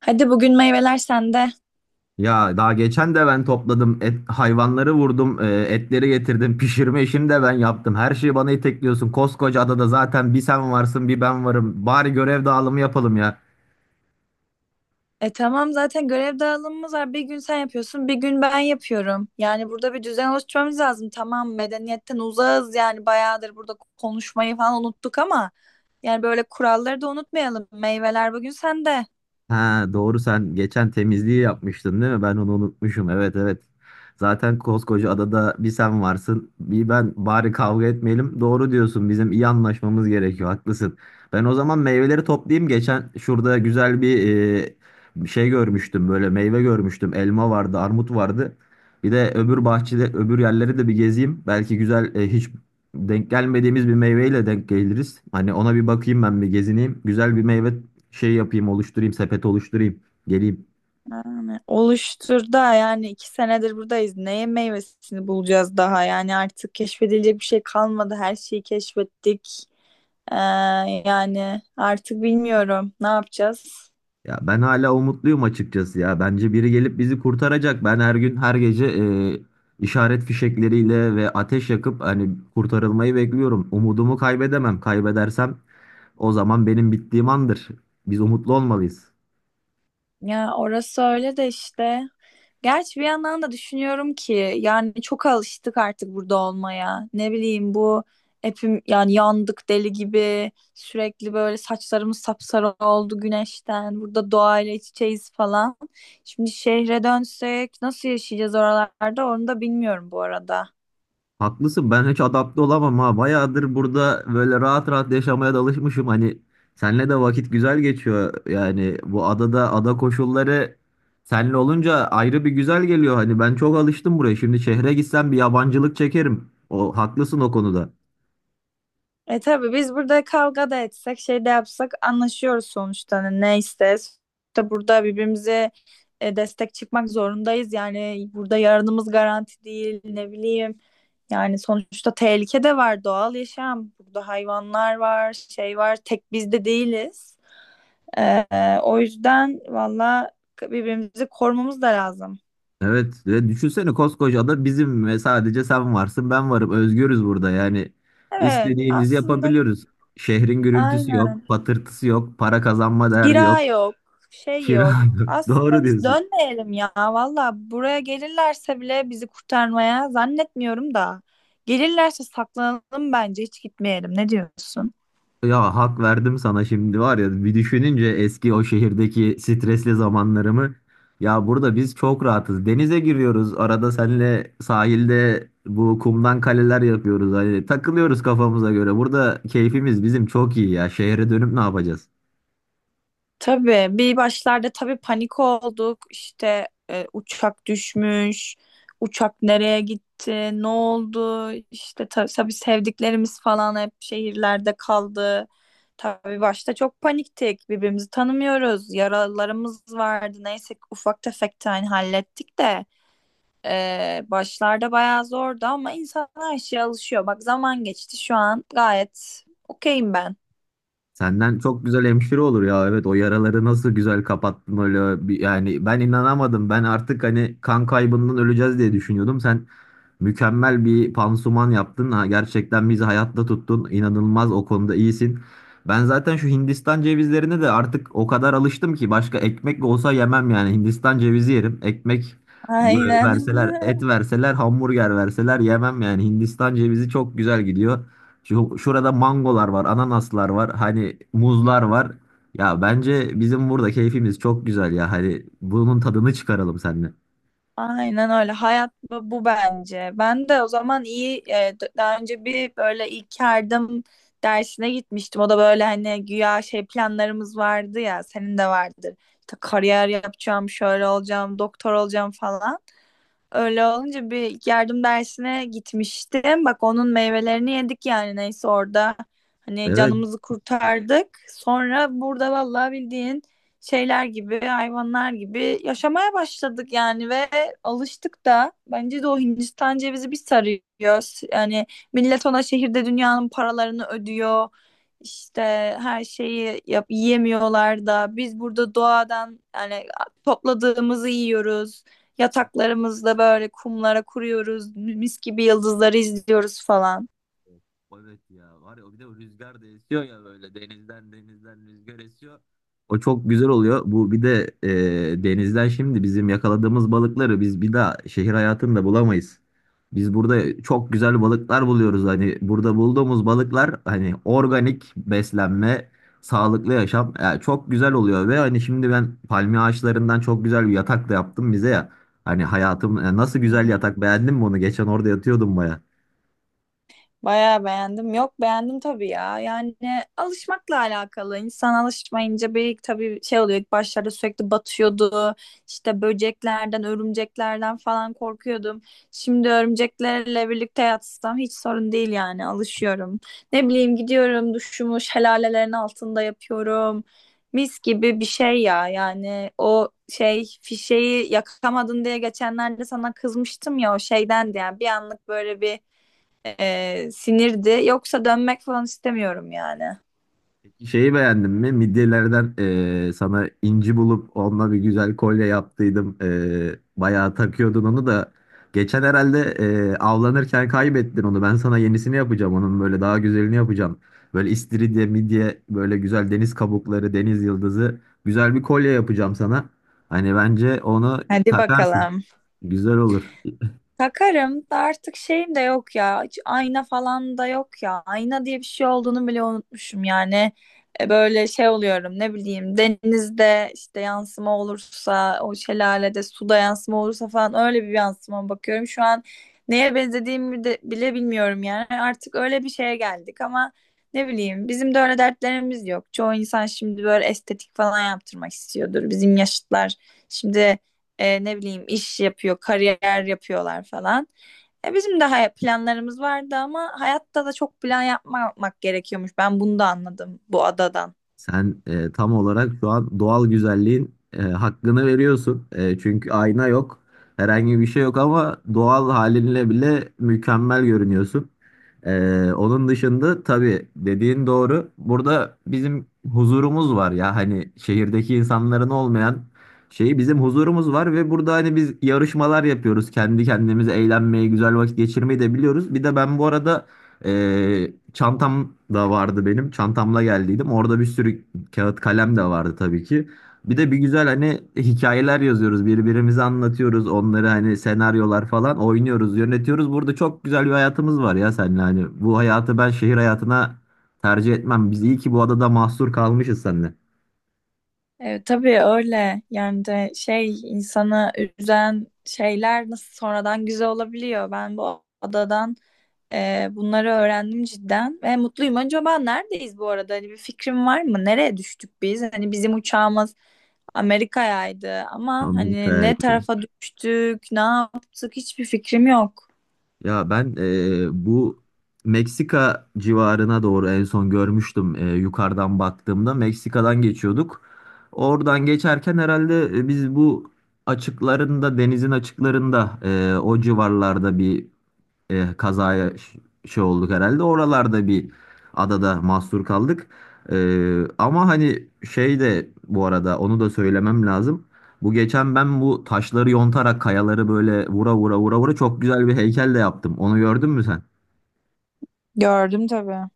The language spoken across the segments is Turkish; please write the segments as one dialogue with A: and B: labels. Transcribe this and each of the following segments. A: Hadi bugün meyveler sende.
B: Ya daha geçen de ben topladım. Et, hayvanları vurdum. Etleri getirdim. Pişirme işini de ben yaptım. Her şeyi bana itekliyorsun. Koskoca adada zaten bir sen varsın bir ben varım. Bari görev dağılımı yapalım ya.
A: Tamam zaten görev dağılımımız var. Bir gün sen yapıyorsun, bir gün ben yapıyorum. Yani burada bir düzen oluşturmamız lazım. Tamam medeniyetten uzağız, yani bayağıdır burada konuşmayı falan unuttuk ama yani böyle kuralları da unutmayalım. Meyveler bugün sende.
B: Ha doğru, sen geçen temizliği yapmıştın değil mi? Ben onu unutmuşum. Evet, evet. Zaten koskoca adada bir sen varsın, bir ben. Bari kavga etmeyelim. Doğru diyorsun. Bizim iyi anlaşmamız gerekiyor. Haklısın. Ben o zaman meyveleri toplayayım. Geçen şurada güzel bir e, şey görmüştüm. Böyle meyve görmüştüm. Elma vardı, armut vardı. Bir de öbür bahçede, öbür yerleri de bir gezeyim. Belki güzel, hiç denk gelmediğimiz bir meyveyle denk geliriz. Hani ona bir bakayım, ben bir gezineyim. Güzel bir meyve şey yapayım, oluşturayım, sepet oluşturayım, geleyim.
A: Yani oluştur da, yani 2 senedir buradayız. Neye meyvesini bulacağız daha? Yani artık keşfedilecek bir şey kalmadı. Her şeyi keşfettik. Ee, Yani artık bilmiyorum ne yapacağız.
B: Ya ben hala umutluyum açıkçası ya. Bence biri gelip bizi kurtaracak. Ben her gün her gece işaret fişekleriyle ve ateş yakıp hani kurtarılmayı bekliyorum. Umudumu kaybedemem. Kaybedersem o zaman benim bittiğim andır. Biz umutlu olmalıyız.
A: Ya orası öyle de işte. Gerçi bir yandan da düşünüyorum ki yani çok alıştık artık burada olmaya. Ne bileyim, bu hepim yani yandık deli gibi, sürekli böyle saçlarımız sapsarı oldu güneşten. Burada doğayla iç içeyiz falan. Şimdi şehre dönsek nasıl yaşayacağız oralarda onu da bilmiyorum bu arada.
B: Haklısın, ben hiç adapte olamam ha. Bayağıdır burada böyle rahat rahat yaşamaya da alışmışım. Hani senle de vakit güzel geçiyor. Yani bu adada ada koşulları senle olunca ayrı bir güzel geliyor. Hani ben çok alıştım buraya. Şimdi şehre gitsem bir yabancılık çekerim. O haklısın o konuda.
A: E tabii biz burada kavga da etsek, şey de yapsak anlaşıyoruz sonuçta. Hani ne isteriz. İşte burada birbirimize destek çıkmak zorundayız. Yani burada yarınımız garanti değil, ne bileyim. Yani sonuçta tehlike de var, doğal yaşam. Burada hayvanlar var, şey var. Tek biz de değiliz. E, O yüzden valla birbirimizi korumamız da lazım.
B: Evet ve düşünsene, koskoca ada bizim ve sadece sen varsın ben varım. Özgürüz burada, yani
A: Evet,
B: istediğimizi
A: aslında
B: yapabiliyoruz. Şehrin gürültüsü
A: aynen.
B: yok, patırtısı yok, para kazanma derdi yok,
A: Kira yok, şey
B: kira
A: yok.
B: yok.
A: Aslında
B: Doğru
A: biz
B: diyorsun.
A: dönmeyelim ya. Valla buraya gelirlerse bile bizi kurtarmaya zannetmiyorum da. Gelirlerse saklanalım, bence hiç gitmeyelim. Ne diyorsun?
B: Ya hak verdim sana şimdi, var ya bir düşününce eski o şehirdeki stresli zamanlarımı, ya burada biz çok rahatız, denize giriyoruz, arada senle sahilde bu kumdan kaleler yapıyoruz, hani takılıyoruz kafamıza göre, burada keyfimiz bizim çok iyi ya şehre dönüp ne yapacağız.
A: Tabii bir başlarda tabii panik olduk. İşte uçak düşmüş. Uçak nereye gitti? Ne oldu? İşte tabii sevdiklerimiz falan hep şehirlerde kaldı. Tabii başta çok paniktik. Birbirimizi tanımıyoruz. Yaralarımız vardı. Neyse ki ufak tefek tane hallettik de başlarda bayağı zordu ama insan her şeye alışıyor. Bak zaman geçti, şu an gayet okeyim ben.
B: Senden çok güzel hemşire olur ya, evet o yaraları nasıl güzel kapattın öyle bir- yani ben inanamadım, ben artık hani kan kaybından öleceğiz diye düşünüyordum. Sen mükemmel bir pansuman yaptın. Ha, gerçekten bizi hayatta tuttun. İnanılmaz o konuda iyisin. Ben zaten şu Hindistan cevizlerine de artık o kadar alıştım ki başka ekmek olsa yemem yani. Hindistan cevizi yerim. Ekmek e,
A: Aynen.
B: verseler, et verseler, hamburger verseler yemem yani. Hindistan cevizi çok güzel gidiyor. Şurada mangolar var, ananaslar var, hani muzlar var. Ya bence bizim burada keyfimiz çok güzel ya. Hani bunun tadını çıkaralım seninle.
A: Aynen öyle. Hayat bu, bu bence. Ben de o zaman iyi daha önce bir böyle ilk yardım dersine gitmiştim. O da böyle hani güya şey planlarımız vardı ya, senin de vardır. İşte kariyer yapacağım, şöyle olacağım, doktor olacağım falan. Öyle olunca bir yardım dersine gitmiştim. Bak onun meyvelerini yedik yani, neyse orada. Hani
B: Evet.
A: canımızı kurtardık. Sonra burada vallahi bildiğin şeyler gibi, hayvanlar gibi yaşamaya başladık yani ve alıştık da. Bence de o Hindistan cevizi bir sarıyor. Yani millet ona şehirde dünyanın paralarını ödüyor. İşte her şeyi yap, yiyemiyorlar da biz burada doğadan yani topladığımızı yiyoruz. Yataklarımızda böyle kumlara kuruyoruz. Mis gibi yıldızları izliyoruz falan.
B: O evet ya, var ya o, bir de o rüzgar da esiyor ya, böyle denizden rüzgar esiyor. O çok güzel oluyor. Bu bir de denizden şimdi bizim yakaladığımız balıkları biz bir daha şehir hayatında bulamayız. Biz burada çok güzel balıklar buluyoruz. Hani burada bulduğumuz balıklar hani organik beslenme, sağlıklı yaşam, yani çok güzel oluyor ve hani şimdi ben palmiye ağaçlarından çok güzel bir yatak da yaptım bize ya. Hani hayatım, nasıl,
A: Hı
B: güzel
A: hı.
B: yatak, beğendin mi onu? Geçen orada yatıyordum baya.
A: Bayağı beğendim. Yok beğendim tabii ya. Yani alışmakla alakalı. İnsan alışmayınca bir tabii şey oluyor. İlk başlarda sürekli batıyordu. İşte böceklerden, örümceklerden falan korkuyordum. Şimdi örümceklerle birlikte yatsam hiç sorun değil yani. Alışıyorum. Ne bileyim, gidiyorum duşumu şelalelerin altında yapıyorum. Mis gibi bir şey ya. Yani o şey fişeği yakamadın diye geçenlerde sana kızmıştım ya o şeyden diye. Yani bir anlık böyle bir sinirdi. Yoksa dönmek falan istemiyorum yani.
B: Şeyi beğendin mi? Midyelerden sana inci bulup onunla bir güzel kolye yaptıydım. Bayağı takıyordun onu da. Geçen herhalde avlanırken kaybettin onu. Ben sana yenisini yapacağım. Onun böyle daha güzelini yapacağım. Böyle istiridye, midye, böyle güzel deniz kabukları, deniz yıldızı. Güzel bir kolye yapacağım sana. Hani bence onu
A: Hadi
B: takarsın.
A: bakalım.
B: Güzel olur.
A: Takarım da artık şeyim de yok ya. Hiç ayna falan da yok ya. Ayna diye bir şey olduğunu bile unutmuşum yani. Böyle şey oluyorum, ne bileyim denizde işte yansıma olursa, o şelalede suda yansıma olursa falan öyle bir yansıma bakıyorum. Şu an neye benzediğimi de bile bilmiyorum yani. Artık öyle bir şeye geldik ama ne bileyim bizim de öyle dertlerimiz yok. Çoğu insan şimdi böyle estetik falan yaptırmak istiyordur. Bizim yaşıtlar şimdi ne bileyim iş yapıyor, kariyer yapıyorlar falan. Bizim de planlarımız vardı ama hayatta da çok plan yapmamak gerekiyormuş. Ben bunu da anladım bu adadan.
B: Sen tam olarak şu an doğal güzelliğin hakkını veriyorsun. Çünkü ayna yok, herhangi bir şey yok ama doğal halinle bile mükemmel görünüyorsun. Onun dışında tabii dediğin doğru. Burada bizim huzurumuz var ya, hani şehirdeki insanların olmayan şeyi, bizim huzurumuz var ve burada hani biz yarışmalar yapıyoruz. Kendi kendimize eğlenmeyi, güzel vakit geçirmeyi de biliyoruz. Bir de ben bu arada çantam da vardı benim. Çantamla geldiydim. Orada bir sürü kağıt kalem de vardı tabii ki. Bir de bir güzel hani hikayeler yazıyoruz. Birbirimize anlatıyoruz. Onları hani senaryolar falan oynuyoruz, yönetiyoruz. Burada çok güzel bir hayatımız var ya seninle. Hani bu hayatı ben şehir hayatına tercih etmem. Biz iyi ki bu adada mahsur kalmışız seninle.
A: E, tabii öyle. Yani de şey insanı üzen şeyler nasıl sonradan güzel olabiliyor. Ben bu adadan bunları öğrendim cidden ve mutluyum. Acaba neredeyiz bu arada? Hani bir fikrim var mı? Nereye düştük biz? Hani bizim uçağımız Amerika'yaydı ama hani ne
B: Amerika'ya.
A: tarafa düştük, ne yaptık hiçbir fikrim yok.
B: Ya ben bu Meksika civarına doğru en son görmüştüm yukarıdan baktığımda. Meksika'dan geçiyorduk. Oradan geçerken herhalde biz bu açıklarında, denizin açıklarında o civarlarda bir e, kazaya ş- şey olduk herhalde. Oralarda bir adada mahsur kaldık. Ama hani şey de bu arada onu da söylemem lazım. Bu geçen ben bu taşları yontarak, kayaları böyle vura vura çok güzel bir heykel de yaptım. Onu gördün mü sen?
A: Gördüm tabii.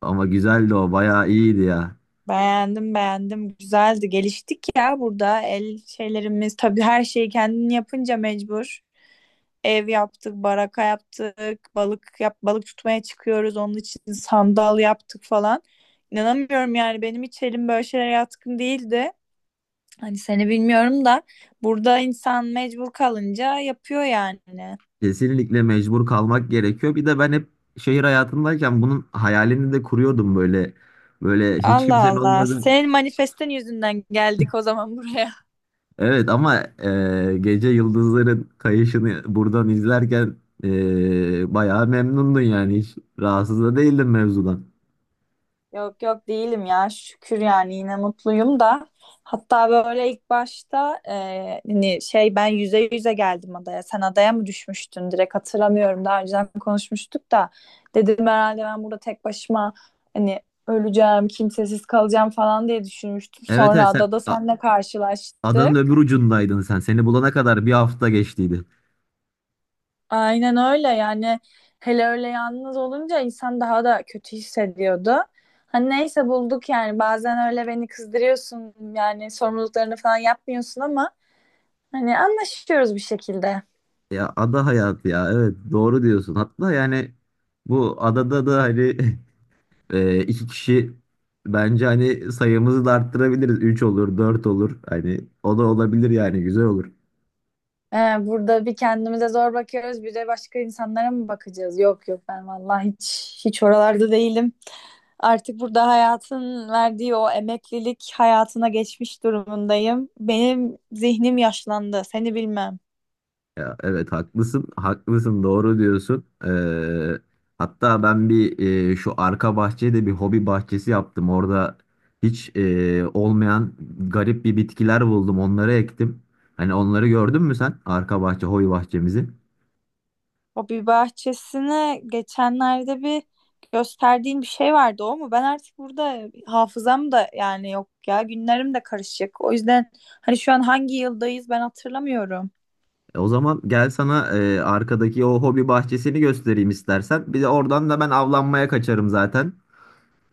B: Ama güzeldi o, bayağı iyiydi ya.
A: Beğendim, beğendim. Güzeldi. Geliştik ya burada. El şeylerimiz tabii, her şeyi kendin yapınca mecbur. Ev yaptık, baraka yaptık, balık tutmaya çıkıyoruz. Onun için sandal yaptık falan. İnanamıyorum yani, benim hiç elim böyle şeylere yatkın değildi. Hani seni bilmiyorum da burada insan mecbur kalınca yapıyor yani.
B: Kesinlikle mecbur kalmak gerekiyor. Bir de ben hep şehir hayatındayken bunun hayalini de kuruyordum böyle. Böyle hiç
A: Allah
B: kimsenin
A: Allah.
B: olmadığı.
A: Senin manifestin yüzünden geldik o zaman buraya.
B: Evet ama gece yıldızların kayışını buradan izlerken bayağı memnundun, yani hiç rahatsız da değildin mevzudan.
A: Yok yok değilim ya. Şükür yani yine mutluyum da. Hatta böyle ilk başta hani şey ben yüze yüze geldim adaya. Sen adaya mı düşmüştün? Direkt hatırlamıyorum. Daha önceden konuşmuştuk da. Dedim herhalde ben burada tek başıma hani öleceğim, kimsesiz kalacağım falan diye düşünmüştüm.
B: Evet,
A: Sonra
B: evet sen
A: adada seninle
B: adanın öbür
A: karşılaştık.
B: ucundaydın sen. Seni bulana kadar bir hafta geçtiydi.
A: Aynen öyle yani, hele öyle yalnız olunca insan daha da kötü hissediyordu. Hani neyse bulduk yani, bazen öyle beni kızdırıyorsun yani, sorumluluklarını falan yapmıyorsun ama hani anlaşıyoruz bir şekilde.
B: Ya ada hayatı ya, evet doğru diyorsun. Hatta yani bu adada da hani iki kişi, bence hani sayımızı da arttırabiliriz. Üç olur dört olur, hani o da olabilir yani, güzel olur.
A: Ee, Burada bir kendimize zor bakıyoruz, bir de başka insanlara mı bakacağız? Yok yok, ben vallahi hiç oralarda değilim. Artık burada hayatın verdiği o emeklilik hayatına geçmiş durumundayım. Benim zihnim yaşlandı, seni bilmem.
B: Ya evet haklısın, haklısın, doğru diyorsun. Hatta ben bir şu arka bahçeye bir hobi bahçesi yaptım. Orada hiç olmayan garip bir bitkiler buldum, onları ektim. Hani onları gördün mü sen, arka bahçe, hobi bahçemizi?
A: O bir bahçesine geçenlerde bir gösterdiğin bir şey vardı, o mu? Ben artık burada hafızam da yani yok ya, günlerim de karışık. O yüzden hani şu an hangi yıldayız ben hatırlamıyorum.
B: O zaman gel sana arkadaki o hobi bahçesini göstereyim istersen. Bir de oradan da ben avlanmaya kaçarım zaten.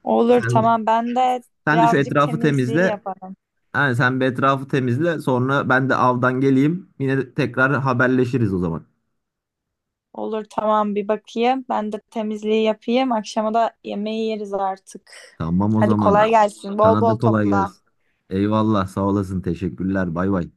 A: Olur
B: Sen,
A: tamam, ben de
B: sen de şu
A: birazcık
B: etrafı
A: temizliği
B: temizle.
A: yaparım.
B: Yani sen bir etrafı temizle, sonra ben de avdan geleyim. Yine tekrar haberleşiriz o zaman.
A: Olur tamam, bir bakayım. Ben de temizliği yapayım. Akşama da yemeği yeriz artık.
B: Tamam o
A: Hadi
B: zaman.
A: kolay gelsin. Bol
B: Sana da
A: bol
B: kolay
A: topla.
B: gelsin. Eyvallah, sağ olasın, teşekkürler, bay bay.